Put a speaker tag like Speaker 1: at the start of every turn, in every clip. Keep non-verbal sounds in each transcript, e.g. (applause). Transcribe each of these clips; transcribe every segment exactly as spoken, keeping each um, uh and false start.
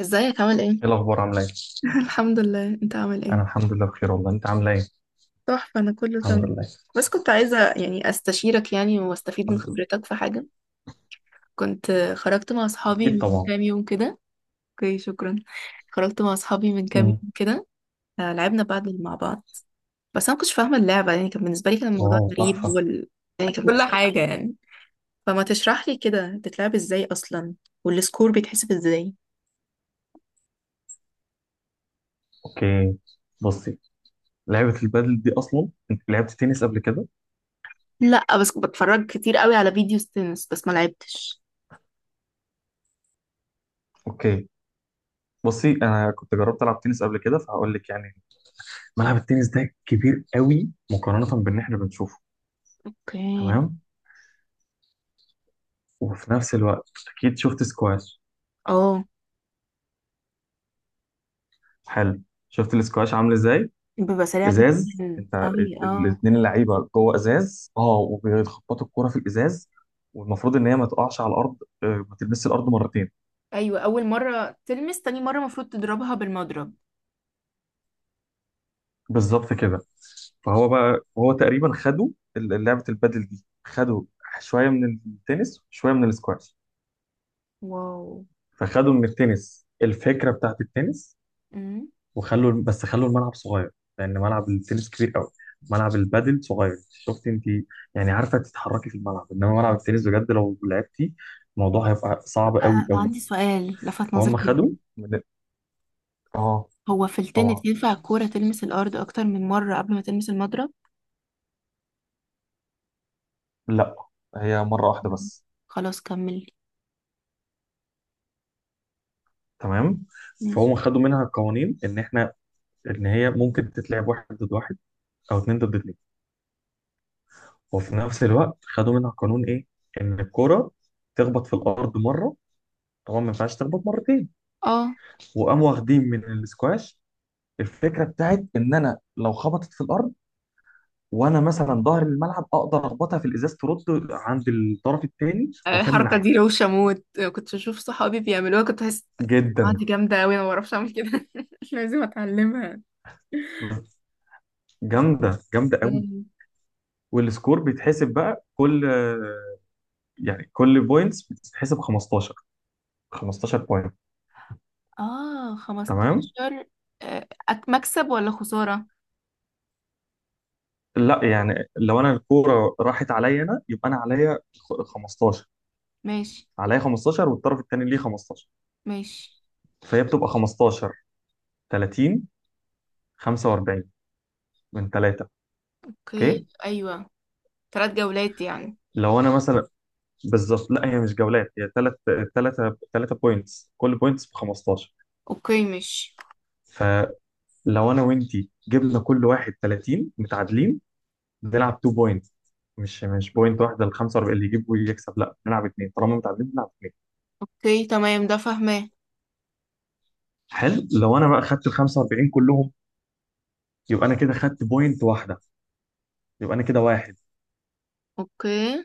Speaker 1: ازيك عامل ايه؟
Speaker 2: ايه الاخبار؟ عامله ايه؟
Speaker 1: (laughs) الحمد لله، انت عامل ايه؟
Speaker 2: انا الحمد لله بخير والله. انت عامله ايه؟
Speaker 1: تحفة، أنا كله
Speaker 2: الحمد
Speaker 1: تمام.
Speaker 2: لله.
Speaker 1: بس كنت عايزة يعني أستشيرك يعني وأستفيد من
Speaker 2: الحمد لله.
Speaker 1: خبرتك في حاجة. كنت خرجت مع أصحابي
Speaker 2: اكيد
Speaker 1: من
Speaker 2: طبعا.
Speaker 1: كام يوم كده. اوكي، شكرا. خرجت مع أصحابي من كام
Speaker 2: مم.
Speaker 1: يوم كده. آه، لعبنا بادل مع بعض. بس أنا مكنتش فاهمة اللعبة، يعني كان بالنسبة لي كان الموضوع
Speaker 2: واو،
Speaker 1: غريب
Speaker 2: تحفه.
Speaker 1: وال... كل حاجة يعني. فما تشرح لي كده بتتلعب ازاي أصلا؟ والسكور بيتحسب ازاي؟
Speaker 2: اوكي. بصي، لعبه البادل دي اصلا انت لعبت تنس قبل كده؟
Speaker 1: لا، بس بتفرج كتير قوي على فيديوز تنس، بس ما لعبتش.
Speaker 2: اوكي. بصي، انا كنت جربت العب تنس قبل كده فهقول لك يعني. ملعب التنس ده كبير قوي مقارنه باللي احنا بنشوفه.
Speaker 1: اوكي.
Speaker 2: تمام. وفي نفس الوقت، اكيد شفت سكواش؟
Speaker 1: اه،
Speaker 2: حلو. شفت السكواش عامل ازاي؟
Speaker 1: بيبقى سريع
Speaker 2: ازاز،
Speaker 1: جدا
Speaker 2: انت.
Speaker 1: قوي، اه.
Speaker 2: الاثنين اللعيبه جوه ازاز، اه، وبيخبطوا الكوره في الازاز. والمفروض ان هي ما تقعش على الارض. آه، ما تلمسش الارض مرتين.
Speaker 1: ايوه، اول مره تلمس، تاني مره المفروض تضربها بالمضرب.
Speaker 2: بالظبط كده. فهو بقى هو تقريبا خدوا ال- لعبه البادل دي خدوا شويه من التنس، شويه من السكواش.
Speaker 1: واو.
Speaker 2: فخدوا من التنس الفكره بتاعت التنس،
Speaker 1: امم
Speaker 2: وخلوا بس خلوا الملعب صغير، لان ملعب التنس كبير قوي. ملعب البادل صغير، شفت انت؟ يعني عارفه تتحركي في الملعب، انما ملعب التنس بجد لو لعبتي الموضوع هيبقى صعب قوي
Speaker 1: انا
Speaker 2: قوي.
Speaker 1: عندي سؤال لفت
Speaker 2: فهم
Speaker 1: نظري
Speaker 2: خدوا
Speaker 1: جدا.
Speaker 2: من، اه،
Speaker 1: هو في
Speaker 2: طبعا.
Speaker 1: التنس ينفع الكورة تلمس الارض اكتر من مرة قبل ما تلمس المضرب؟
Speaker 2: لا، هي مرة واحدة
Speaker 1: مم.
Speaker 2: بس.
Speaker 1: خلاص كملي.
Speaker 2: تمام.
Speaker 1: ماشي.
Speaker 2: فهم خدوا منها قوانين، ان احنا ان هي ممكن تتلعب واحد ضد واحد او اتنين ضد اتنين. وفي نفس الوقت خدوا منها قانون ايه؟ ان الكرة تخبط في الارض مره، طبعا ما ينفعش تخبط مرتين.
Speaker 1: اه.
Speaker 2: وقاموا واخدين من السكواش الفكره بتاعت ان انا لو خبطت في الارض وانا مثلا ظهر الملعب اقدر اخبطها في الازاز ترد عند الطرف الثاني واكمل
Speaker 1: الحركه دي
Speaker 2: عادي.
Speaker 1: روشه موت، كنت بشوف صحابي بيعملوها، كنت بحس اه
Speaker 2: جدا.
Speaker 1: دي جامده قوي، انا ما بعرفش اعمل كده. (laughs) لازم اتعلمها.
Speaker 2: جامده جامده قوي.
Speaker 1: مم.
Speaker 2: والسكور بيتحسب بقى كل، يعني كل بوينتس بتتحسب خمستاشر، خمستاشر بوينت.
Speaker 1: اه،
Speaker 2: تمام.
Speaker 1: خمسة عشر. آه، أك- مكسب ولا خسارة؟
Speaker 2: لا، يعني لو انا الكوره راحت عليا انا يبقى انا عليا خ- خمستاشر.
Speaker 1: ماشي.
Speaker 2: عليا خمستاشر والطرف الثاني ليه خمستاشر.
Speaker 1: ماشي.
Speaker 2: فهي بتبقى خمستاشر، ثلاثين، خمسه واربعين من ثلاثه.
Speaker 1: اوكي،
Speaker 2: اوكي.
Speaker 1: ايوه. ثلاث جولات يعني.
Speaker 2: لو انا مثلا، بالظبط. لا، هي مش جولات، هي ثلاث، ثلاثة ثلاثة بوينتس، كل بوينتس ب خمستاشر.
Speaker 1: اوكي ماشي.
Speaker 2: فلو انا وانتي جبنا كل واحد تلاتين متعادلين، بنلعب اتنين بوينتس. مش مش بوينت واحدة ال خمسه واربعين اللي يجيب ويكسب. لا، بنلعب اثنين طالما متعادلين، بنلعب اثنين.
Speaker 1: اوكي تمام، ده فاهماه.
Speaker 2: حلو. لو انا بقى خدت ال خمسه واربعين كلهم، يبقى انا كده خدت بوينت واحدة. يبقى انا كده واحد.
Speaker 1: اوكي.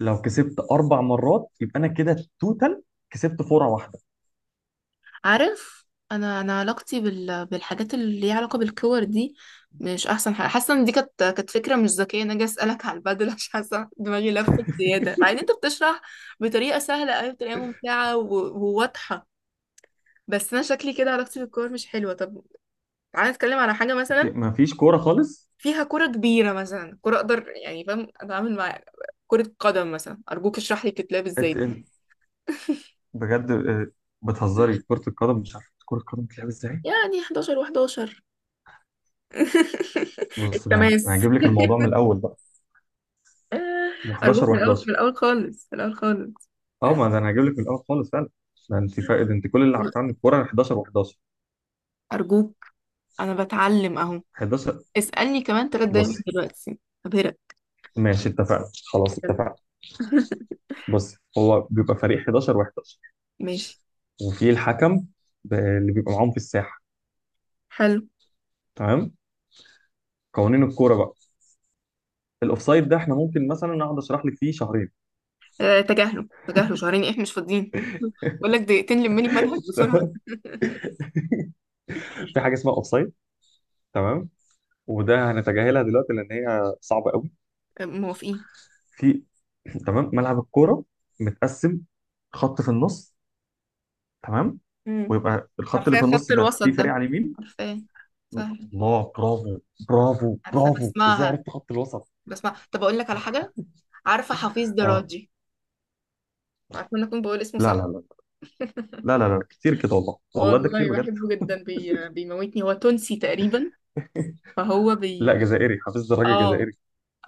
Speaker 2: لو كسبت اربع مرات يبقى انا كده توتال كسبت فورة واحدة.
Speaker 1: عارف، انا انا علاقتي بال... بالحاجات اللي ليها علاقه بالكور دي مش احسن حاجه. حاسه ان دي كانت كانت فكره مش ذكيه، ان انا جاي اسالك على البدل، عشان حاسه دماغي لفت زياده. مع ان انت بتشرح بطريقه سهله قوي، بطريقه ممتعه و... وواضحه. بس انا شكلي كده علاقتي بالكور مش حلوه. طب تعالى نتكلم على حاجه مثلا
Speaker 2: ما فيش كورة خالص.
Speaker 1: فيها كرة كبيرة، مثلا كرة أقدر يعني فاهم أتعامل مع كرة قدم مثلا. أرجوك اشرح لي بتتلعب ازاي دي.
Speaker 2: بجد؟ آه، بتهزري؟ كرة القدم مش عارف كرة القدم بتلعب ازاي؟
Speaker 1: يعني حداشر و11. (laughs)
Speaker 2: بص، انا أنا
Speaker 1: التماس.
Speaker 2: هجيب لك
Speaker 1: (laughs)
Speaker 2: الموضوع من الاول بقى. احد عشر
Speaker 1: أرجوك، من الأول،
Speaker 2: و11.
Speaker 1: من الأول خالص، من الأول خالص.
Speaker 2: اه، ما ده انا هجيب لك من الاول خالص فعلا. ما انت فاقد، انت كل اللي عارفاه عن الكوره حداشر و11.
Speaker 1: أرجوك، أنا بتعلم أهو.
Speaker 2: حداشر.
Speaker 1: اسألني كمان تلات دقايق من
Speaker 2: بصي.
Speaker 1: دلوقتي، أبهرك.
Speaker 2: ماشي، اتفقنا، خلاص،
Speaker 1: (laughs)
Speaker 2: اتفقنا.
Speaker 1: بجد.
Speaker 2: بصي، هو بيبقى فريق حداشر و11،
Speaker 1: ماشي.
Speaker 2: وفي الحكم ب- اللي بيبقى معاهم في الساحه.
Speaker 1: حلو.
Speaker 2: تمام. قوانين الكوره بقى، الاوفسايد ده احنا ممكن مثلا اقعد اشرح لك فيه شهرين.
Speaker 1: آه، تجاهله تجاهله، شهرين إيه، إحنا مش فاضيين. (laughs) بقول لك دقيقتين، لملي المنهج بسرعة.
Speaker 2: (laughs) في حاجه اسمها اوفسايد، تمام، وده هنتجاهلها دلوقتي لان هي صعبه قوي.
Speaker 1: آه، موافقين.
Speaker 2: في، تمام. ملعب الكوره متقسم، خط في النص. تمام.
Speaker 1: مم.
Speaker 2: ويبقى الخط اللي
Speaker 1: عارفاه
Speaker 2: في
Speaker 1: خط
Speaker 2: النص ده
Speaker 1: الوسط
Speaker 2: فيه فريق
Speaker 1: ده،
Speaker 2: على اليمين.
Speaker 1: عارفاه، سهل.
Speaker 2: الله، برافو. برافو
Speaker 1: عارفة،
Speaker 2: برافو، ازاي
Speaker 1: بسمعها.
Speaker 2: عرفت خط الوسط؟
Speaker 1: بسمع. طب أقول لك على حاجة، عارفة حفيظ
Speaker 2: اه.
Speaker 1: دراجي؟ عارفة إن أنا أكون بقول اسمه
Speaker 2: لا
Speaker 1: صح؟
Speaker 2: لا لا
Speaker 1: (laughs)
Speaker 2: لا لا لا، كتير كده، والله والله ده كتير
Speaker 1: والله
Speaker 2: بجد.
Speaker 1: بحبه جدا، بي... بيموتني. هو تونسي تقريبا، فهو
Speaker 2: لا،
Speaker 1: بي.
Speaker 2: جزائري، حفظت الراجل
Speaker 1: اه.
Speaker 2: جزائري.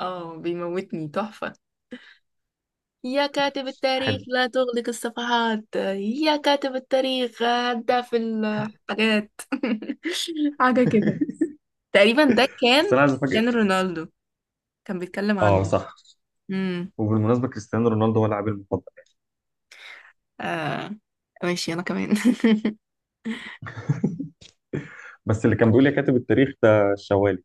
Speaker 1: اه، بيموتني تحفة. يا كاتب التاريخ
Speaker 2: حلو.
Speaker 1: لا تغلق الصفحات. يا كاتب التاريخ هدى في الحاجات. (laughs) حاجة كده.
Speaker 2: (laughs)
Speaker 1: تقريبا ده
Speaker 2: بس
Speaker 1: كان
Speaker 2: انا عايز
Speaker 1: كريستيانو
Speaker 2: افاجئك.
Speaker 1: رونالدو، كان بيتكلم
Speaker 2: اه،
Speaker 1: عنه.
Speaker 2: صح.
Speaker 1: امم.
Speaker 2: وبالمناسبه كريستيانو رونالدو هو لاعبي المفضل.
Speaker 1: آه. ماشي، أنا كمان. (laughs)
Speaker 2: بس اللي كان بيقول لي كاتب التاريخ ده الشوالي.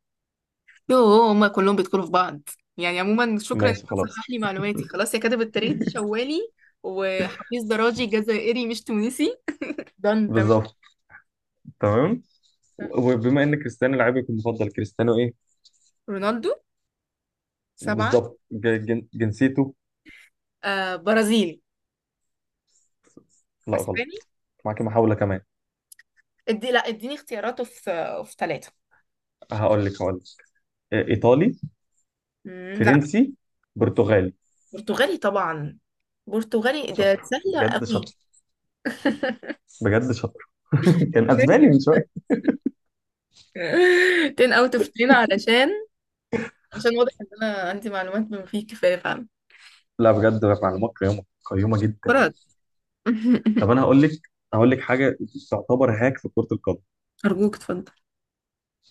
Speaker 1: يوه، هما كلهم بيدخلوا في بعض. يعني عموما شكرا انك
Speaker 2: ماشي، خلاص.
Speaker 1: بتصحح لي معلوماتي. خلاص، يا كاتب التاريخ دي شوالي، وحفيظ دراجي جزائري مش تونسي. دان تمام.
Speaker 2: بالظبط. تمام. وبما ان كريستيانو لاعبك المفضل، كريستيانو ايه؟
Speaker 1: رونالدو. سبعة.
Speaker 2: بالظبط. ج- جن- جنسيته؟
Speaker 1: آه، برازيلي.
Speaker 2: لا،
Speaker 1: اسباني.
Speaker 2: غلط. معاك محاولة كمان.
Speaker 1: ادي، لا اديني اختياراته في، في ثلاثة.
Speaker 2: هقول لك هقول لك. آه، إيطالي؟
Speaker 1: لا.
Speaker 2: فرنسي؟ برتغالي؟
Speaker 1: برتغالي طبعا، برتغالي ده
Speaker 2: شاطر،
Speaker 1: سهلة
Speaker 2: بجد
Speaker 1: قوي.
Speaker 2: شاطر،
Speaker 1: (laughs)
Speaker 2: بجد شاطر. (laughs) كان اسباني من شويه.
Speaker 1: عشرة اوت اوف عشرة. (laughs) علشان، عشان واضح ان انا عندي معلومات بما فيه الكفاية فعلا.
Speaker 2: لا، بجد معلومات قيمه قيمه جدا.
Speaker 1: فرج. (laughs)
Speaker 2: طب انا هقول لك، هقول لك حاجه. تعتبر هاك في كره القدم.
Speaker 1: ارجوك اتفضل.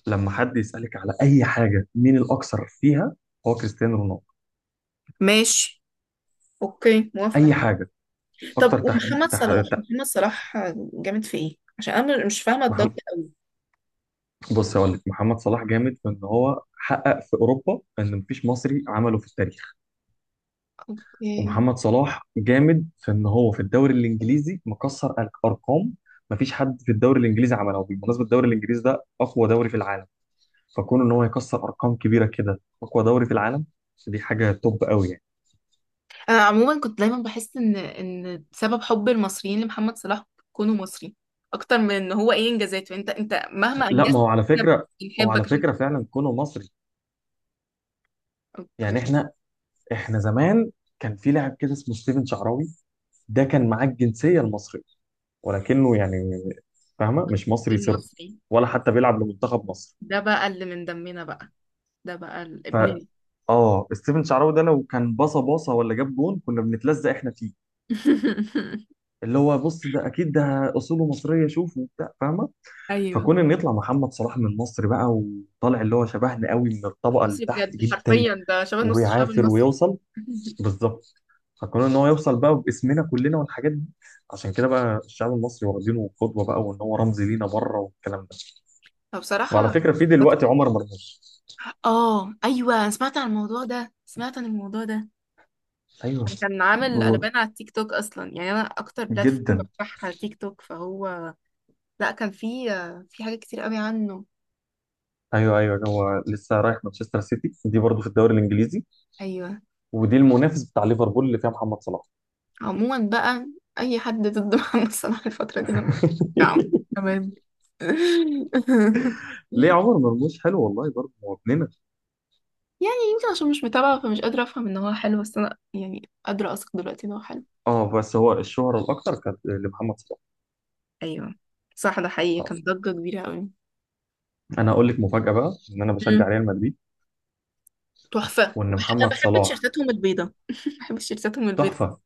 Speaker 2: لما حد يسالك على اي حاجه مين الاكثر فيها، هو كريستيانو رونالدو.
Speaker 1: ماشي. اوكي، موافقة.
Speaker 2: اي حاجه. اكتر
Speaker 1: طب
Speaker 2: تحديد،
Speaker 1: ومحمد
Speaker 2: تح...
Speaker 1: صلاح،
Speaker 2: تح...
Speaker 1: محمد صلاح جامد في ايه؟ عشان انا مش فاهمة
Speaker 2: محمد...
Speaker 1: الضجة قوي.
Speaker 2: بص، هقول لك، محمد صلاح جامد في ان هو حقق في اوروبا ان مفيش مصري عمله في التاريخ.
Speaker 1: اوكي.
Speaker 2: ومحمد صلاح جامد في ان هو في الدوري الانجليزي مكسر أر- ارقام. مفيش حد في الدوري الانجليزي عملها، وبالمناسبه الدوري الانجليزي ده اقوى دوري في العالم. فكون ان هو يكسر ارقام كبيره كده اقوى دوري في العالم، دي حاجه توب قوي يعني.
Speaker 1: انا عموما كنت دايما بحس ان ان سبب حب المصريين لمحمد صلاح كونه مصري اكتر من ان هو ايه انجازاته. انت انت مهما
Speaker 2: لا،
Speaker 1: انجزت
Speaker 2: ما هو على
Speaker 1: احنا
Speaker 2: فكره، هو
Speaker 1: بنحبك
Speaker 2: على
Speaker 1: عشان انت.
Speaker 2: فكره فعلا كونه مصري.
Speaker 1: اوكي.
Speaker 2: يعني احنا احنا زمان كان في لاعب كده اسمه ستيفن شعراوي. ده كان معاه الجنسيه المصريه، ولكنه يعني، فاهمه، مش مصري
Speaker 1: غير
Speaker 2: صرف،
Speaker 1: مصري.
Speaker 2: ولا حتى بيلعب لمنتخب مصر.
Speaker 1: ده بقى اللي من دمنا بقى، ده بقى ال-
Speaker 2: ف،
Speaker 1: ابننا.
Speaker 2: اه، ستيفن شعراوي ده لو كان باصه باصه ولا جاب جون كنا بنتلزق احنا فيه.
Speaker 1: (laughs)
Speaker 2: اللي هو بص، ده اكيد ده اصوله مصريه، شوف وبتاع، فاهمه.
Speaker 1: ايوه.
Speaker 2: فكون ان يطلع محمد صلاح من مصر بقى، وطالع اللي هو شبهنا قوي من الطبقه اللي
Speaker 1: مصري
Speaker 2: تحت
Speaker 1: بجد،
Speaker 2: جدا،
Speaker 1: حرفيا ده شبه نص الشعب
Speaker 2: وبيعافر
Speaker 1: المصري.
Speaker 2: ويوصل.
Speaker 1: (laughs)
Speaker 2: بالظبط. فكون ان هو يوصل بقى باسمنا كلنا والحاجات دي، عشان كده بقى الشعب المصري واخدينه قدوه بقى، وان هو رمز لينا بره، والكلام ده. وعلى
Speaker 1: فبصراحة.
Speaker 2: فكره في دلوقتي عمر مرموش.
Speaker 1: اه ايوه، أنا سمعت عن الموضوع ده، سمعت عن الموضوع ده.
Speaker 2: ايوه.
Speaker 1: أنا كان عامل قلبان على التيك توك اصلا، يعني انا اكتر بلاتفورم
Speaker 2: جدا.
Speaker 1: بفتحها تيك توك، فهو لا، كان في، في حاجات كتير قوي عنه.
Speaker 2: ايوه ايوه، هو لسه رايح مانشستر سيتي، دي برضه في الدوري الانجليزي،
Speaker 1: ايوه.
Speaker 2: ودي المنافس بتاع ليفربول اللي فيها محمد صلاح.
Speaker 1: عموما بقى، اي حد ضد (laughs) محمد صلاح الفتره دي انا بتاعه.
Speaker 2: (laughs)
Speaker 1: تمام. (laughs)
Speaker 2: ليه عمر مرموش حلو والله برضه هو ابننا.
Speaker 1: يعني يمكن عشان مش متابعه فمش قادره افهم ان هو حلو، بس انا يعني قادره اثق دلوقتي ان هو حلو.
Speaker 2: اه، بس هو الشهرة الاكتر كانت لمحمد صلاح.
Speaker 1: ايوه، صح، ده حقيقي،
Speaker 2: آه.
Speaker 1: كان ضجه كبيره قوي.
Speaker 2: انا اقول لك مفاجأة بقى، ان انا بشجع ريال مدريد،
Speaker 1: تحفة،
Speaker 2: وان
Speaker 1: انا
Speaker 2: محمد
Speaker 1: بحب
Speaker 2: صلاح.
Speaker 1: تيشيرتاتهم البيضة. (laughs) بحب تيشيرتاتهم البيضة
Speaker 2: تحفة.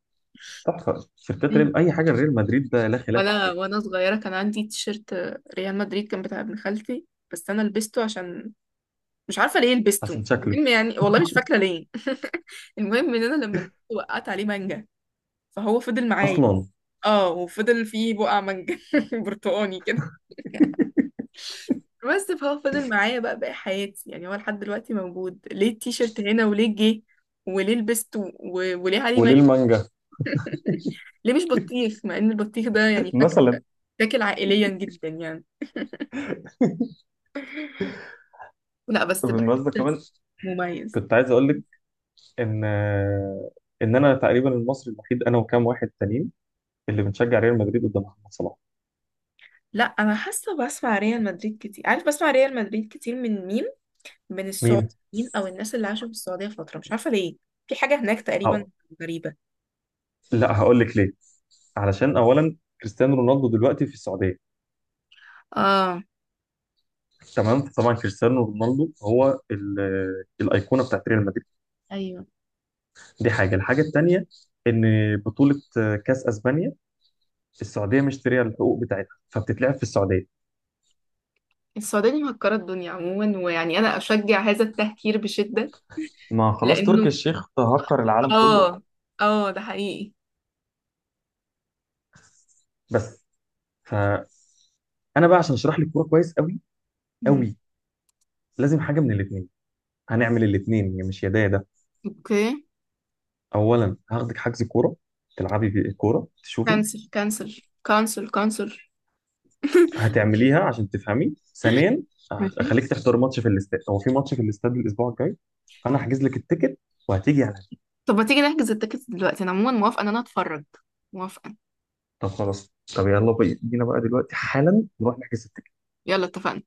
Speaker 2: تحفة،
Speaker 1: دي.
Speaker 2: شركات ريال، اي حاجة ريال مدريد ده لا خلاف
Speaker 1: ولا
Speaker 2: عليها.
Speaker 1: وانا صغيرة كان عندي تيشيرت ريال مدريد، كان بتاع ابن خالتي، بس انا لبسته عشان مش عارفة ليه لبسته.
Speaker 2: حسن شكله
Speaker 1: المهم يعني والله مش فاكرة ليه. (laughs) المهم ان انا لما لبسته وقعت عليه مانجا، فهو فضل معايا.
Speaker 2: اصلا.
Speaker 1: اه، وفضل فيه بقع مانجا (laughs) برتقاني كده، بس فهو فضل معايا بقى باقي حياتي. يعني هو لحد دلوقتي موجود، ليه التيشيرت هنا، وليه جه، وليه لبسته، و- وليه عليه
Speaker 2: وليه
Speaker 1: مانجا.
Speaker 2: المانجا؟
Speaker 1: (laughs) ليه مش بطيخ؟ مع ان البطيخ ده يعني
Speaker 2: (laughs)
Speaker 1: فاكهة
Speaker 2: مثلا.
Speaker 1: تاكل عائليا جدا يعني. لا بس بحس
Speaker 2: بالمناسبة كمان
Speaker 1: مميز.
Speaker 2: كنت عايز اقول لك ان ان انا تقريبا المصري الوحيد انا وكام واحد تانيين اللي بنشجع ريال مدريد قدام محمد صلاح.
Speaker 1: لا انا حاسه بسمع ريال مدريد كتير. عارف بسمع ريال مدريد كتير من مين؟ من
Speaker 2: مين؟
Speaker 1: السعوديين او الناس اللي عاشوا في السعوديه فتره، مش عارفه ليه، في حاجه هناك تقريبا
Speaker 2: أو...
Speaker 1: غريبه.
Speaker 2: لا، هقول لك ليه. علشان اولا كريستيانو رونالدو دلوقتي في السعوديه.
Speaker 1: اه
Speaker 2: تمام. طبعا كريستيانو رونالدو هو ال- الايقونه بتاعت ريال مدريد،
Speaker 1: ايوه.
Speaker 2: دي حاجه. الحاجه الثانيه ان بطوله كاس اسبانيا، السعوديه مشتريه الحقوق بتاعتها فبتتلعب في السعوديه.
Speaker 1: السعوديه دي مهكره الدنيا عموما، ويعني انا اشجع هذا التهكير بشده.
Speaker 2: ما خلاص، تركي
Speaker 1: لانه،
Speaker 2: الشيخ تهكر العالم كله والله.
Speaker 1: اه، اه، ده حقيقي.
Speaker 2: بس، فانا بقى، عشان اشرح لك الكوره كويس قوي
Speaker 1: مم.
Speaker 2: قوي، لازم حاجه من الاثنين. هنعمل الاثنين، مش يا ده يا ده.
Speaker 1: اوكي.
Speaker 2: اولا، هاخدك حجز كوره، تلعبي بالكوره تشوفي،
Speaker 1: كانسل كانسل كانسل كانسل.
Speaker 2: هتعمليها عشان تفهمي. ثانيا،
Speaker 1: ماشي.
Speaker 2: اخليك تحضر ماتش في الاستاد. هو في ماتش في الاستاد الاسبوع الجاي. انا هحجز لك التيكت وهتيجي على،
Speaker 1: طب ما تيجي نحجز التيكتس دلوقتي، انا عموما موافقه ان انا اتفرج، موافقه.
Speaker 2: طب خلاص، طب يلا، بي- بينا بقى دلوقتي حالا نروح نحجز.
Speaker 1: يلا، اتفقنا.